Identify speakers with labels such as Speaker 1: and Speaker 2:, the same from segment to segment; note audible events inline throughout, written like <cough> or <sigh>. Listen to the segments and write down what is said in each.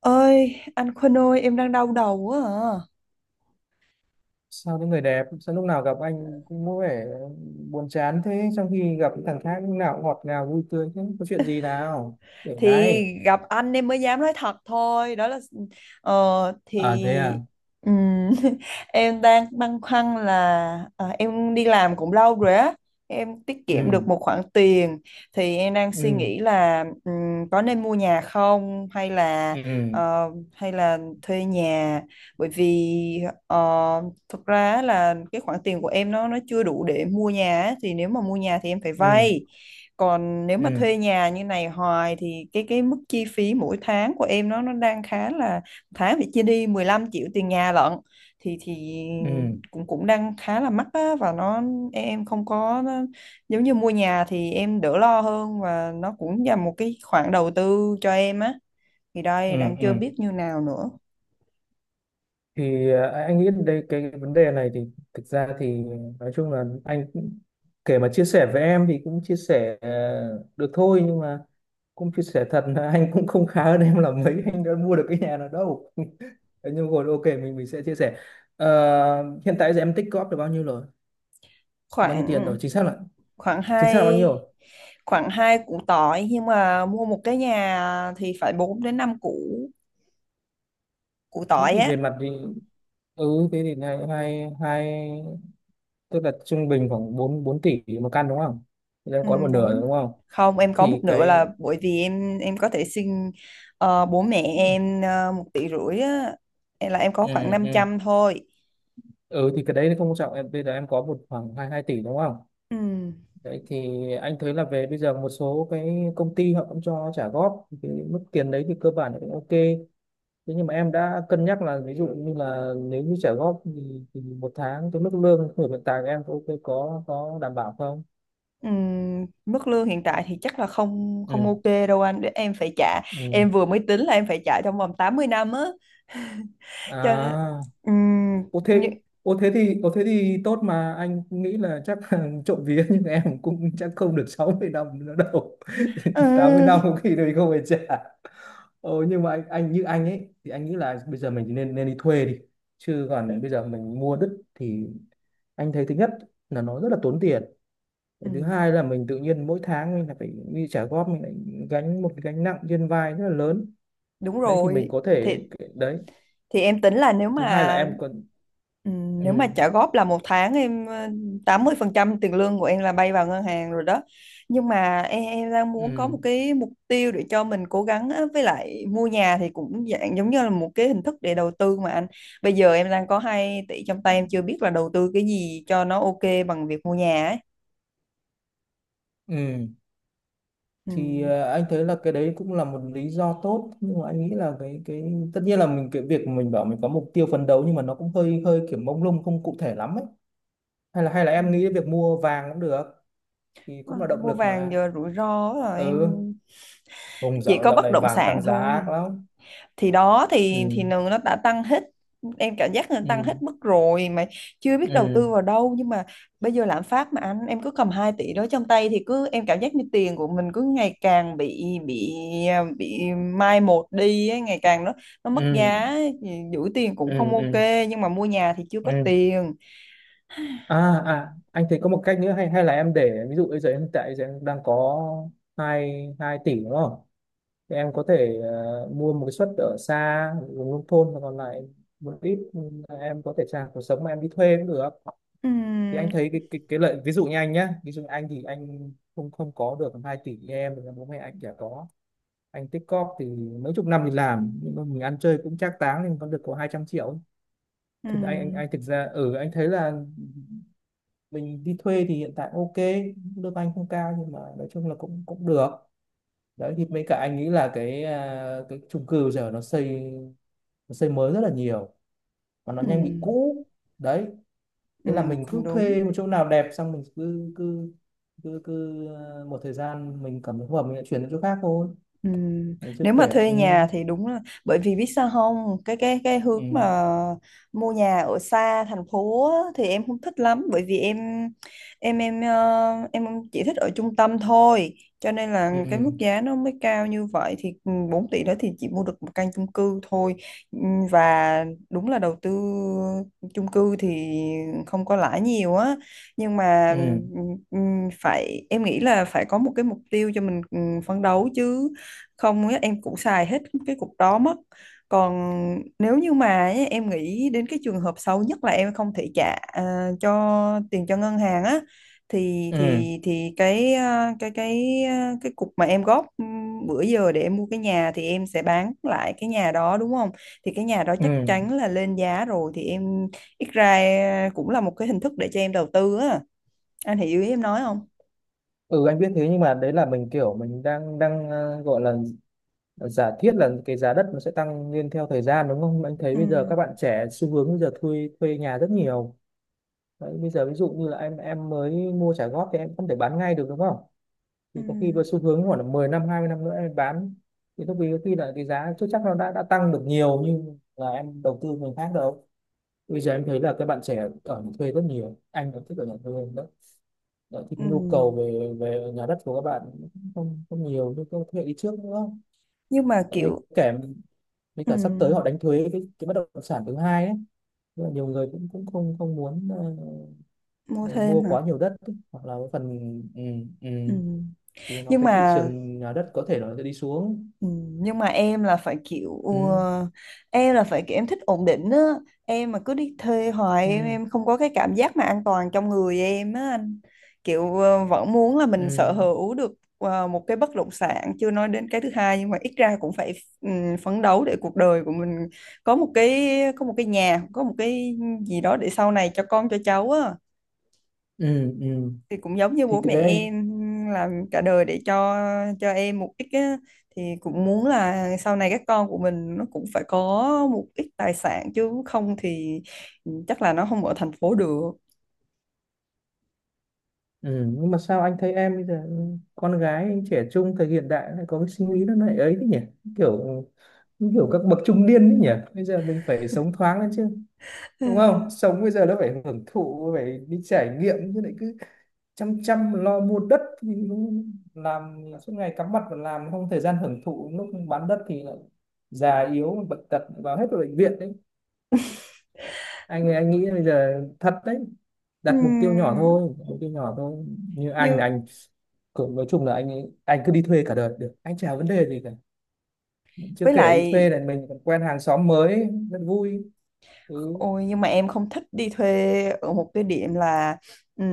Speaker 1: Ơi, anh Quân ơi, em đang đau đầu quá à.
Speaker 2: sao cái người đẹp sao lúc nào gặp anh cũng có vẻ buồn chán thế, trong khi gặp cái thằng khác lúc nào cũng ngọt ngào vui tươi thế? Có chuyện gì nào để
Speaker 1: Thì
Speaker 2: này?
Speaker 1: gặp anh em mới dám nói thật thôi, đó là ờ, thì
Speaker 2: À thế à.
Speaker 1: ừm, <laughs> em đang băn khoăn là em đi làm cũng lâu rồi á, em tiết kiệm
Speaker 2: Ừ.
Speaker 1: được một khoản tiền, thì em đang suy
Speaker 2: Ừ.
Speaker 1: nghĩ là có nên mua nhà không hay là
Speaker 2: Ừ.
Speaker 1: hay là thuê nhà. Bởi vì thực ra là cái khoản tiền của em nó chưa đủ để mua nhà á, thì nếu mà mua nhà thì em phải
Speaker 2: Ừ.
Speaker 1: vay. Còn nếu mà
Speaker 2: Ừ.
Speaker 1: thuê nhà như này hoài thì cái mức chi phí mỗi tháng của em nó đang khá là, tháng phải chia đi 15 triệu tiền nhà lận. Thì
Speaker 2: Ừ.
Speaker 1: cũng cũng đang khá là mắc á, và nó, em không có nó, giống như mua nhà thì em đỡ lo hơn và nó cũng là một cái khoản đầu tư cho em á. Thì
Speaker 2: Ừ.
Speaker 1: đây đang
Speaker 2: Ừ.
Speaker 1: chưa biết như nào nữa.
Speaker 2: Thì à, anh nghĩ đây cái vấn đề này thì thực ra thì nói chung là kể mà chia sẻ với em thì cũng chia sẻ được thôi, nhưng mà cũng chia sẻ thật là anh cũng không khá hơn em là mấy, anh đã mua được cái nhà nào đâu. <laughs> Thế nhưng rồi ok mình sẽ chia sẻ. Ờ, hiện tại giờ em tích góp được bao nhiêu rồi, bao nhiêu tiền
Speaker 1: Khoảng,
Speaker 2: rồi,
Speaker 1: khoảng
Speaker 2: chính xác là
Speaker 1: hai
Speaker 2: bao nhiêu rồi?
Speaker 1: khoảng hai củ tỏi, nhưng mà mua một cái nhà thì phải 4 đến 5 củ, củ
Speaker 2: Thế
Speaker 1: tỏi
Speaker 2: thì
Speaker 1: á.
Speaker 2: về mặt thì ừ thế thì hai hai hai tức là trung bình khoảng bốn bốn tỷ một căn đúng không? Thì em
Speaker 1: Ừ,
Speaker 2: có một nửa rồi
Speaker 1: bún,
Speaker 2: đúng không?
Speaker 1: không em có một
Speaker 2: Thì
Speaker 1: nửa
Speaker 2: cái
Speaker 1: là bởi vì em có thể xin bố mẹ em một tỷ rưỡi á. Em là em có
Speaker 2: ừ,
Speaker 1: khoảng năm
Speaker 2: ừ.
Speaker 1: trăm thôi.
Speaker 2: Ừ thì cái đấy không quan trọng, em bây giờ em có một khoảng hai hai tỷ đúng không?
Speaker 1: Ừ.
Speaker 2: Đấy thì anh thấy là về bây giờ một số cái công ty họ cũng cho trả góp cái mức tiền đấy thì cơ bản là cũng ok. Thế nhưng mà em đã cân nhắc là ví dụ như là nếu như trả góp thì một tháng cái mức lương của hiện tại của em có ok, có đảm bảo không?
Speaker 1: Ừ. Mức lương hiện tại thì chắc là không không
Speaker 2: Ừ.
Speaker 1: ok đâu anh, để em phải trả,
Speaker 2: Ừ.
Speaker 1: em vừa mới tính là em phải trả trong vòng 80 năm á, <laughs> cho nên
Speaker 2: À
Speaker 1: ừ,
Speaker 2: ô
Speaker 1: như,
Speaker 2: thế, ô thế thì tốt, mà anh nghĩ là chắc là <laughs> trộm vía nhưng em cũng chắc không được 60 năm nữa đâu. <laughs> 80 năm
Speaker 1: ừ,
Speaker 2: có khi mình không phải trả. Ồ nhưng mà anh như anh ấy thì anh nghĩ là bây giờ mình nên nên đi thuê đi. Chứ còn bây giờ mình mua đứt thì anh thấy thứ nhất là nó rất là tốn tiền.
Speaker 1: ừ,
Speaker 2: Cái thứ hai là mình tự nhiên mỗi tháng mình lại phải đi trả góp, mình lại gánh một cái gánh nặng trên vai rất là lớn.
Speaker 1: đúng
Speaker 2: Đấy thì mình
Speaker 1: rồi.
Speaker 2: có
Speaker 1: thì
Speaker 2: thể đấy.
Speaker 1: thì em tính là
Speaker 2: Thứ hai là em còn ừ.
Speaker 1: nếu mà trả góp là một tháng em 80% tiền lương của em là bay vào ngân hàng rồi đó. Nhưng mà em đang muốn có
Speaker 2: Ừ.
Speaker 1: một cái mục tiêu để cho mình cố gắng á. Với lại mua nhà thì cũng dạng giống như là một cái hình thức để đầu tư mà anh. Bây giờ em đang có 2 tỷ trong tay, em chưa biết là đầu tư cái gì cho nó ok bằng việc mua nhà ấy.
Speaker 2: Ừ thì
Speaker 1: Ừm.
Speaker 2: anh thấy là cái đấy cũng là một lý do tốt, nhưng mà anh nghĩ là cái tất nhiên là mình cái việc mình bảo mình có mục tiêu phấn đấu, nhưng mà nó cũng hơi hơi kiểu mông lung, không cụ thể lắm ấy. Hay là em nghĩ việc
Speaker 1: Ừm.
Speaker 2: mua vàng cũng được, thì
Speaker 1: À,
Speaker 2: cũng là động
Speaker 1: mua
Speaker 2: lực
Speaker 1: vàng
Speaker 2: mà.
Speaker 1: giờ rủi ro rồi em,
Speaker 2: Ừ, vùng
Speaker 1: chỉ
Speaker 2: dạo
Speaker 1: có
Speaker 2: dạo
Speaker 1: bất
Speaker 2: này
Speaker 1: động
Speaker 2: vàng
Speaker 1: sản
Speaker 2: tăng giá ác
Speaker 1: thôi.
Speaker 2: lắm.
Speaker 1: Thì đó
Speaker 2: Ừ.
Speaker 1: thì nường nó đã tăng hết, em cảm giác là tăng
Speaker 2: Ừ.
Speaker 1: hết mức rồi mà chưa biết đầu
Speaker 2: Ừ.
Speaker 1: tư vào đâu. Nhưng mà bây giờ lạm phát mà anh, em cứ cầm 2 tỷ đó trong tay thì cứ em cảm giác như tiền của mình cứ ngày càng bị, bị mai một đi ấy, ngày càng nó mất
Speaker 2: Ừ.
Speaker 1: giá. Giữ tiền cũng
Speaker 2: Ừ.
Speaker 1: không ok,
Speaker 2: Ừ.
Speaker 1: nhưng mà mua nhà thì chưa có
Speaker 2: Ừ.
Speaker 1: tiền.
Speaker 2: À, à anh thấy có một cách nữa, hay hay là em để ví dụ bây giờ em tại giờ em đang có hai hai tỷ đúng không? Thì em có thể mua một cái suất ở xa vùng nông thôn và còn lại một ít, ừ, em có thể trả cuộc sống mà em đi thuê cũng được. Thì
Speaker 1: Ừm,
Speaker 2: anh thấy cái lợi ví dụ như anh nhá, ví dụ như anh thì anh không không có được 2 tỷ như em, thì bố mẹ anh chả có, anh tích cóp thì mấy chục năm thì làm, nhưng mà mình ăn chơi cũng trác táng thì còn được có 200 triệu. Thì anh anh
Speaker 1: ừm,
Speaker 2: anh thực ra ừ anh thấy là mình đi thuê thì hiện tại ok, lương anh không cao nhưng mà nói chung là cũng cũng được. Đấy thì mấy cả anh nghĩ là cái à, cái chung cư giờ nó xây, nó xây mới rất là nhiều và nó nhanh bị
Speaker 1: ừm,
Speaker 2: cũ. Đấy, thế là mình cứ
Speaker 1: cũng đúng.
Speaker 2: thuê một chỗ nào đẹp, xong mình cứ một thời gian mình cảm thấy không hợp mình lại chuyển đến chỗ khác thôi.
Speaker 1: Ừm.
Speaker 2: Mình chưa
Speaker 1: Nếu mà
Speaker 2: kể
Speaker 1: thuê
Speaker 2: ừ.
Speaker 1: nhà thì đúng là, bởi vì biết sao không, cái hướng
Speaker 2: Ừ.
Speaker 1: mà mua nhà ở xa thành phố á, thì em không thích lắm, bởi vì em, em chỉ thích ở trung tâm thôi, cho nên là cái
Speaker 2: Ừ.
Speaker 1: mức giá nó mới cao như vậy. Thì 4 tỷ đó thì chỉ mua được một căn chung cư thôi. Ừm, và đúng là đầu tư chung cư thì không có lãi nhiều á, nhưng mà
Speaker 2: Ừ.
Speaker 1: phải, em nghĩ là phải có một cái mục tiêu cho mình phấn đấu, chứ không á, em cũng xài hết cái cục đó mất. Còn nếu như mà ấy, em nghĩ đến cái trường hợp xấu nhất là em không thể trả à, cho tiền cho ngân hàng á, thì
Speaker 2: Ừ.
Speaker 1: thì cái à, cái cục mà em góp bữa giờ để em mua cái nhà thì em sẽ bán lại cái nhà đó, đúng không? Thì cái nhà đó chắc chắn
Speaker 2: Ừ.
Speaker 1: là lên giá rồi, thì em ít ra à, cũng là một cái hình thức để cho em đầu tư á. Anh hiểu ý em nói không?
Speaker 2: Ừ anh biết thế, nhưng mà đấy là mình kiểu mình đang đang gọi là giả thiết là cái giá đất nó sẽ tăng lên theo thời gian đúng không? Anh thấy
Speaker 1: Ừ,
Speaker 2: bây giờ các bạn trẻ xu hướng bây giờ thuê thuê nhà rất nhiều. Đấy, bây giờ ví dụ như là em mới mua trả góp thì em không thể bán ngay được đúng không? Thì
Speaker 1: ừ,
Speaker 2: có khi với xu hướng khoảng là 10 năm 20 năm nữa em bán thì lúc ấy có khi là cái giá chưa chắc nó đã tăng được nhiều như là em đầu tư người khác đâu. Bây giờ em thấy là các bạn trẻ ở nhà thuê rất nhiều, anh cũng thích ở nhà thuê đó. Đấy, thì
Speaker 1: ừ,
Speaker 2: cái nhu cầu về về nhà đất của các bạn cũng không không nhiều như các thế hệ đi trước nữa.
Speaker 1: nhưng mà
Speaker 2: Tại vì
Speaker 1: kiểu
Speaker 2: kể với
Speaker 1: ừ,
Speaker 2: cả sắp tới họ đánh thuế cái bất động sản thứ hai ấy. Nên là nhiều người cũng cũng không không muốn
Speaker 1: mua
Speaker 2: ờ, mua
Speaker 1: thêm hả?
Speaker 2: quá nhiều đất ấy, hoặc là cái phần ừ, ừ.
Speaker 1: Ừ.
Speaker 2: Thì nó
Speaker 1: Nhưng
Speaker 2: cái thị
Speaker 1: mà
Speaker 2: trường nhà đất có thể nó sẽ đi xuống.
Speaker 1: ừ, nhưng mà em là phải kiểu ừ,
Speaker 2: Ừ.
Speaker 1: em là phải kiểu em thích ổn định á. Em mà cứ đi thuê hoài, em
Speaker 2: Ừ.
Speaker 1: em không có cái cảm giác mà an toàn trong người em á anh, kiểu vẫn muốn là
Speaker 2: Ừ.
Speaker 1: mình sở hữu được một cái bất động sản, chưa nói đến cái thứ hai, nhưng mà ít ra cũng phải ừ, phấn đấu để cuộc đời của mình có một cái, có một cái nhà, có một cái gì đó để sau này cho con cho cháu á.
Speaker 2: Ừ. Ừ.
Speaker 1: Thì cũng giống như
Speaker 2: Thì
Speaker 1: bố
Speaker 2: cái
Speaker 1: mẹ
Speaker 2: đấy anh
Speaker 1: em làm cả đời để cho em một ít á, thì cũng muốn là sau này các con của mình nó cũng phải có một ít tài sản, chứ không thì chắc là nó không ở thành phố được.
Speaker 2: ừ. Nhưng mà sao anh thấy em bây giờ ừ, con gái anh trẻ trung thời hiện đại lại có cái suy nghĩ nó lại ấy thế nhỉ, kiểu như kiểu các bậc trung niên đấy nhỉ. Bây giờ mình phải sống thoáng lên chứ, đúng
Speaker 1: <laughs>
Speaker 2: không?
Speaker 1: <sighs>
Speaker 2: Sống bây giờ nó phải hưởng thụ, phải đi trải nghiệm chứ, lại cứ chăm chăm lo mua đất thì nó làm suốt ngày cắm mặt vào làm, không thời gian hưởng thụ, lúc bán đất thì lại già yếu bệnh tật vào hết vào bệnh viện đấy. Anh nghĩ bây giờ thật đấy, đặt mục tiêu nhỏ
Speaker 1: Ừm,
Speaker 2: thôi, mục tiêu nhỏ thôi. Như anh
Speaker 1: như
Speaker 2: là anh cũng nói chung là anh cứ đi thuê cả đời được, anh chả vấn đề gì cả. Chưa
Speaker 1: với
Speaker 2: kể đi
Speaker 1: lại,
Speaker 2: thuê là mình còn quen hàng xóm mới rất vui. Ừ.
Speaker 1: ôi, nhưng mà em không thích đi thuê ở một cái điểm là ừm,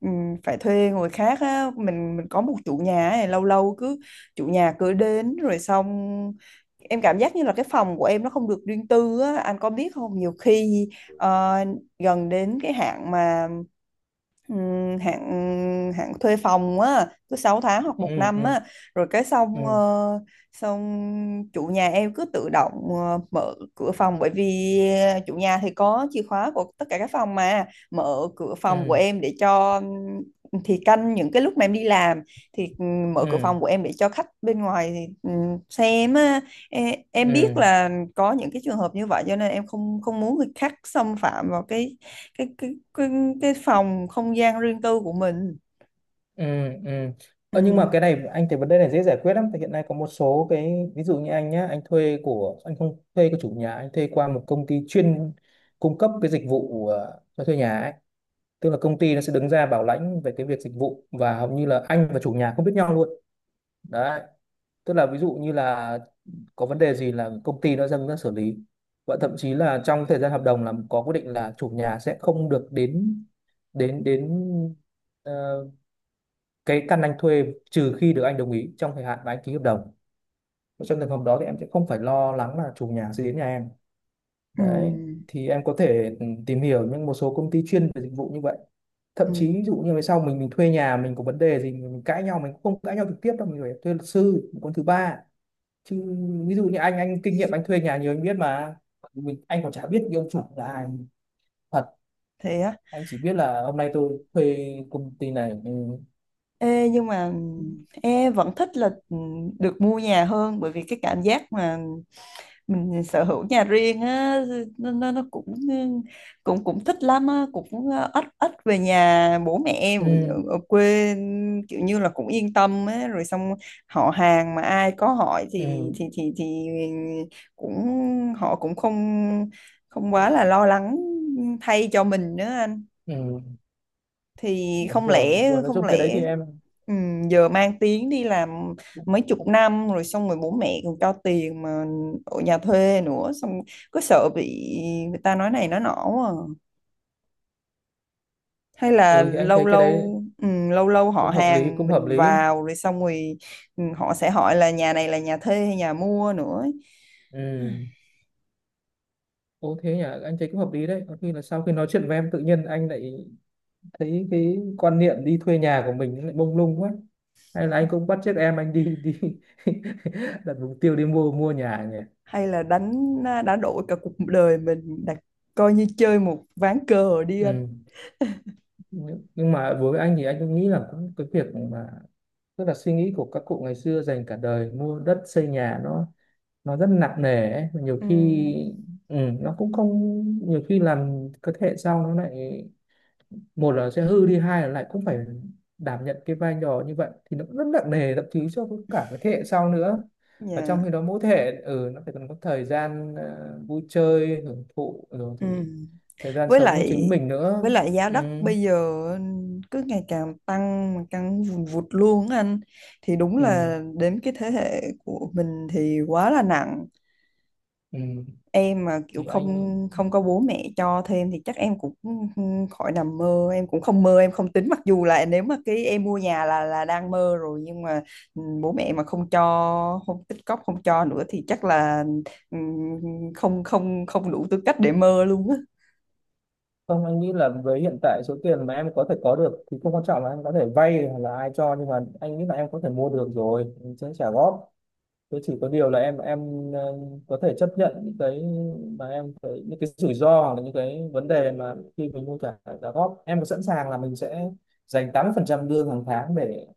Speaker 1: phải thuê người khác á. Mình có một chủ nhà này, lâu lâu cứ, chủ nhà cứ đến rồi xong, em cảm giác như là cái phòng của em nó không được riêng tư á. Anh có biết không, nhiều khi ờ, gần đến cái hạn mà hạn hạn thuê phòng á, cứ 6 tháng hoặc
Speaker 2: Ừ.
Speaker 1: một năm
Speaker 2: Ừ.
Speaker 1: á, rồi cái xong
Speaker 2: Ừ.
Speaker 1: xong chủ nhà em cứ tự động mở cửa phòng, bởi vì chủ nhà thì có chìa khóa của tất cả các phòng mà, mở cửa phòng của
Speaker 2: Ừ.
Speaker 1: em để cho thì canh những cái lúc mà em đi làm, thì mở cửa
Speaker 2: Ừ.
Speaker 1: phòng của em để cho khách bên ngoài thì, xem á. Em
Speaker 2: Ừ.
Speaker 1: biết là có những cái trường hợp như vậy, cho nên em không không muốn người khác xâm phạm vào cái, cái cái cái, cái phòng không gian riêng tư của mình.
Speaker 2: Ừ. Ừ.
Speaker 1: Ừ,
Speaker 2: Ờ, nhưng mà cái này anh thấy vấn đề này dễ giải quyết lắm, tại hiện nay có một số cái, ví dụ như anh nhá, anh thuê của anh không thuê của chủ nhà, anh thuê qua một công ty chuyên cung cấp cái dịch vụ cho thuê nhà ấy. Tức là công ty nó sẽ đứng ra bảo lãnh về cái việc dịch vụ, và hầu như là anh và chủ nhà không biết nhau luôn. Đấy, tức là ví dụ như là có vấn đề gì là công ty nó dâng ra xử lý. Và thậm chí là trong thời gian hợp đồng là có quy định là chủ nhà sẽ không được đến đến đến ờ, cái căn anh thuê trừ khi được anh đồng ý trong thời hạn mà anh ký hợp đồng. Trong trường hợp đó thì em sẽ không phải lo lắng là chủ nhà sẽ đến nhà em. Đấy,
Speaker 1: ừ,
Speaker 2: thì em có thể ừ, tìm hiểu những một số công ty chuyên về dịch vụ như vậy. Thậm chí ví
Speaker 1: ừ,
Speaker 2: dụ như về sau mình thuê nhà mình có vấn đề gì mình cãi nhau, mình cũng không cãi nhau trực tiếp đâu, mình phải thuê luật sư một con thứ ba chứ. Ví dụ như anh kinh nghiệm anh thuê nhà nhiều anh biết mà, mình, anh còn chả biết cái ông chủ là ai thật.
Speaker 1: thế á?
Speaker 2: Anh chỉ biết là hôm nay tôi thuê công ty này ừ,
Speaker 1: Ê, nhưng mà em vẫn thích là được mua nhà hơn, bởi vì cái cảm giác mà mình sở hữu nhà riêng á, nó cũng, cũng thích lắm á, cũng ít ít về nhà bố mẹ em ở,
Speaker 2: ừ,
Speaker 1: ở quê, kiểu như là cũng yên tâm á, rồi xong họ hàng mà ai có hỏi thì
Speaker 2: ừ,
Speaker 1: thì cũng, họ cũng không không quá là
Speaker 2: ừ.
Speaker 1: lo lắng thay cho mình nữa anh.
Speaker 2: Ừ.
Speaker 1: Thì
Speaker 2: Đúng rồi, đúng rồi, nói
Speaker 1: không
Speaker 2: chung cái đấy
Speaker 1: lẽ
Speaker 2: thì em
Speaker 1: giờ mang tiếng đi làm
Speaker 2: cũng-
Speaker 1: mấy chục
Speaker 2: cũng-
Speaker 1: năm rồi, xong rồi bố mẹ còn cho tiền mà ở nhà thuê nữa, xong có sợ bị người ta nói này nói nọ không à? Hay là
Speaker 2: ừ thì anh
Speaker 1: lâu
Speaker 2: thấy cái đấy
Speaker 1: lâu, lâu lâu họ
Speaker 2: cũng hợp lý,
Speaker 1: hàng
Speaker 2: cũng hợp
Speaker 1: mình
Speaker 2: lý.
Speaker 1: vào rồi xong rồi họ sẽ hỏi là nhà này là nhà thuê hay nhà mua nữa ấy.
Speaker 2: Ừ. Ồ thế nhỉ, anh thấy cũng hợp lý đấy. Có khi là sau khi nói chuyện với em tự nhiên anh lại thấy cái quan niệm đi thuê nhà của mình nó lại mông lung quá. Hay là anh cũng bắt chước em anh đi đi <laughs> đặt mục tiêu đi mua mua nhà nhỉ.
Speaker 1: Hay là đánh đã đổi cả cuộc đời mình đặt, coi như chơi một ván cờ đi anh.
Speaker 2: Ừ. Nhưng mà đối với anh thì anh cũng nghĩ là cũng cái việc mà tức là suy nghĩ của các cụ ngày xưa dành cả đời mua đất xây nhà nó rất nặng nề ấy. Nhiều
Speaker 1: Ừ,
Speaker 2: khi ừ, nó cũng không, nhiều khi làm cái thế hệ sau nó lại, một là sẽ hư đi, hai là lại cũng phải đảm nhận cái vai trò như vậy thì nó cũng rất nặng nề thậm chí cho cả cái thế hệ sau nữa. Và trong
Speaker 1: dạ,
Speaker 2: khi đó mỗi thế hệ ừ, nó phải cần có thời gian vui chơi hưởng thụ rồi
Speaker 1: ừ,
Speaker 2: thì thời gian
Speaker 1: với
Speaker 2: sống cho chính
Speaker 1: lại,
Speaker 2: mình nữa.
Speaker 1: với lại giá
Speaker 2: Ừ,
Speaker 1: đất bây giờ cứ ngày càng tăng mà, tăng vùn vụt luôn á anh, thì đúng
Speaker 2: ừ,
Speaker 1: là đến cái thế hệ của mình thì quá là nặng.
Speaker 2: ừ.
Speaker 1: Em mà kiểu
Speaker 2: Thì anh
Speaker 1: không không có bố mẹ cho thêm thì chắc em cũng khỏi nằm mơ, em cũng không mơ em không tính, mặc dù là nếu mà cái em mua nhà là đang mơ rồi, nhưng mà bố mẹ mà không cho, không tích cóp không cho nữa thì chắc là ừ, không không không đủ tư cách để mơ luôn á.
Speaker 2: không, anh nghĩ là với hiện tại số tiền mà em có thể có được thì không quan trọng là anh có thể vay hoặc là ai cho, nhưng mà anh nghĩ là em có thể mua được rồi, anh sẽ trả góp. Thế chỉ có điều là em có thể chấp nhận những cái mà em phải, những cái rủi ro hoặc là những cái vấn đề mà khi mình mua trả trả góp, em có sẵn sàng là mình sẽ dành 80% lương hàng tháng để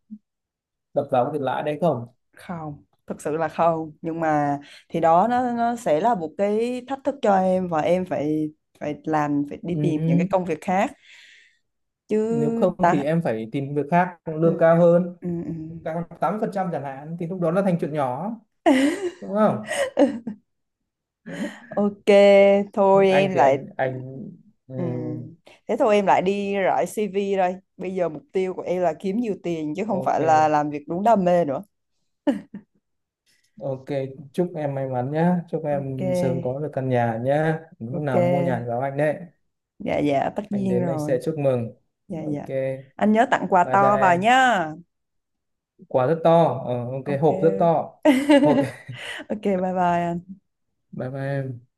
Speaker 2: đập vào cái tiền lãi đấy không?
Speaker 1: Không, thực sự là không, nhưng mà thì đó nó sẽ là một cái thách thức cho em, và em phải, phải làm, phải đi tìm những cái
Speaker 2: Ừ.
Speaker 1: công việc khác chứ
Speaker 2: Nếu không thì
Speaker 1: ta.
Speaker 2: em phải tìm việc khác
Speaker 1: ừ,
Speaker 2: lương cao hơn,
Speaker 1: ừ.
Speaker 2: cao 80% chẳng hạn thì lúc đó nó thành chuyện nhỏ, đúng không?
Speaker 1: Ok,
Speaker 2: Nhưng
Speaker 1: thôi
Speaker 2: anh
Speaker 1: em
Speaker 2: thì
Speaker 1: lại,
Speaker 2: anh ừ.
Speaker 1: ừ. Thế thôi em lại đi rải CV đây, bây giờ mục tiêu của em là kiếm nhiều tiền chứ không
Speaker 2: Ok,
Speaker 1: phải là làm việc đúng đam mê nữa.
Speaker 2: ok, chúc em may mắn nhá, chúc
Speaker 1: Ok,
Speaker 2: em sớm có được căn nhà nhá, lúc
Speaker 1: ok,
Speaker 2: nào mua nhà thì báo anh đấy,
Speaker 1: dạ dạ, tất
Speaker 2: anh
Speaker 1: nhiên
Speaker 2: đến anh sẽ
Speaker 1: rồi,
Speaker 2: chúc mừng.
Speaker 1: dạ dạ,
Speaker 2: Ok,
Speaker 1: anh nhớ tặng quà
Speaker 2: bye
Speaker 1: to vào
Speaker 2: bye.
Speaker 1: nhá.
Speaker 2: Quả rất to. Ờ, ok,
Speaker 1: Ok,
Speaker 2: hộp rất to.
Speaker 1: <laughs>
Speaker 2: Ok. <laughs>
Speaker 1: ok, bye bye anh.
Speaker 2: Bye bye em.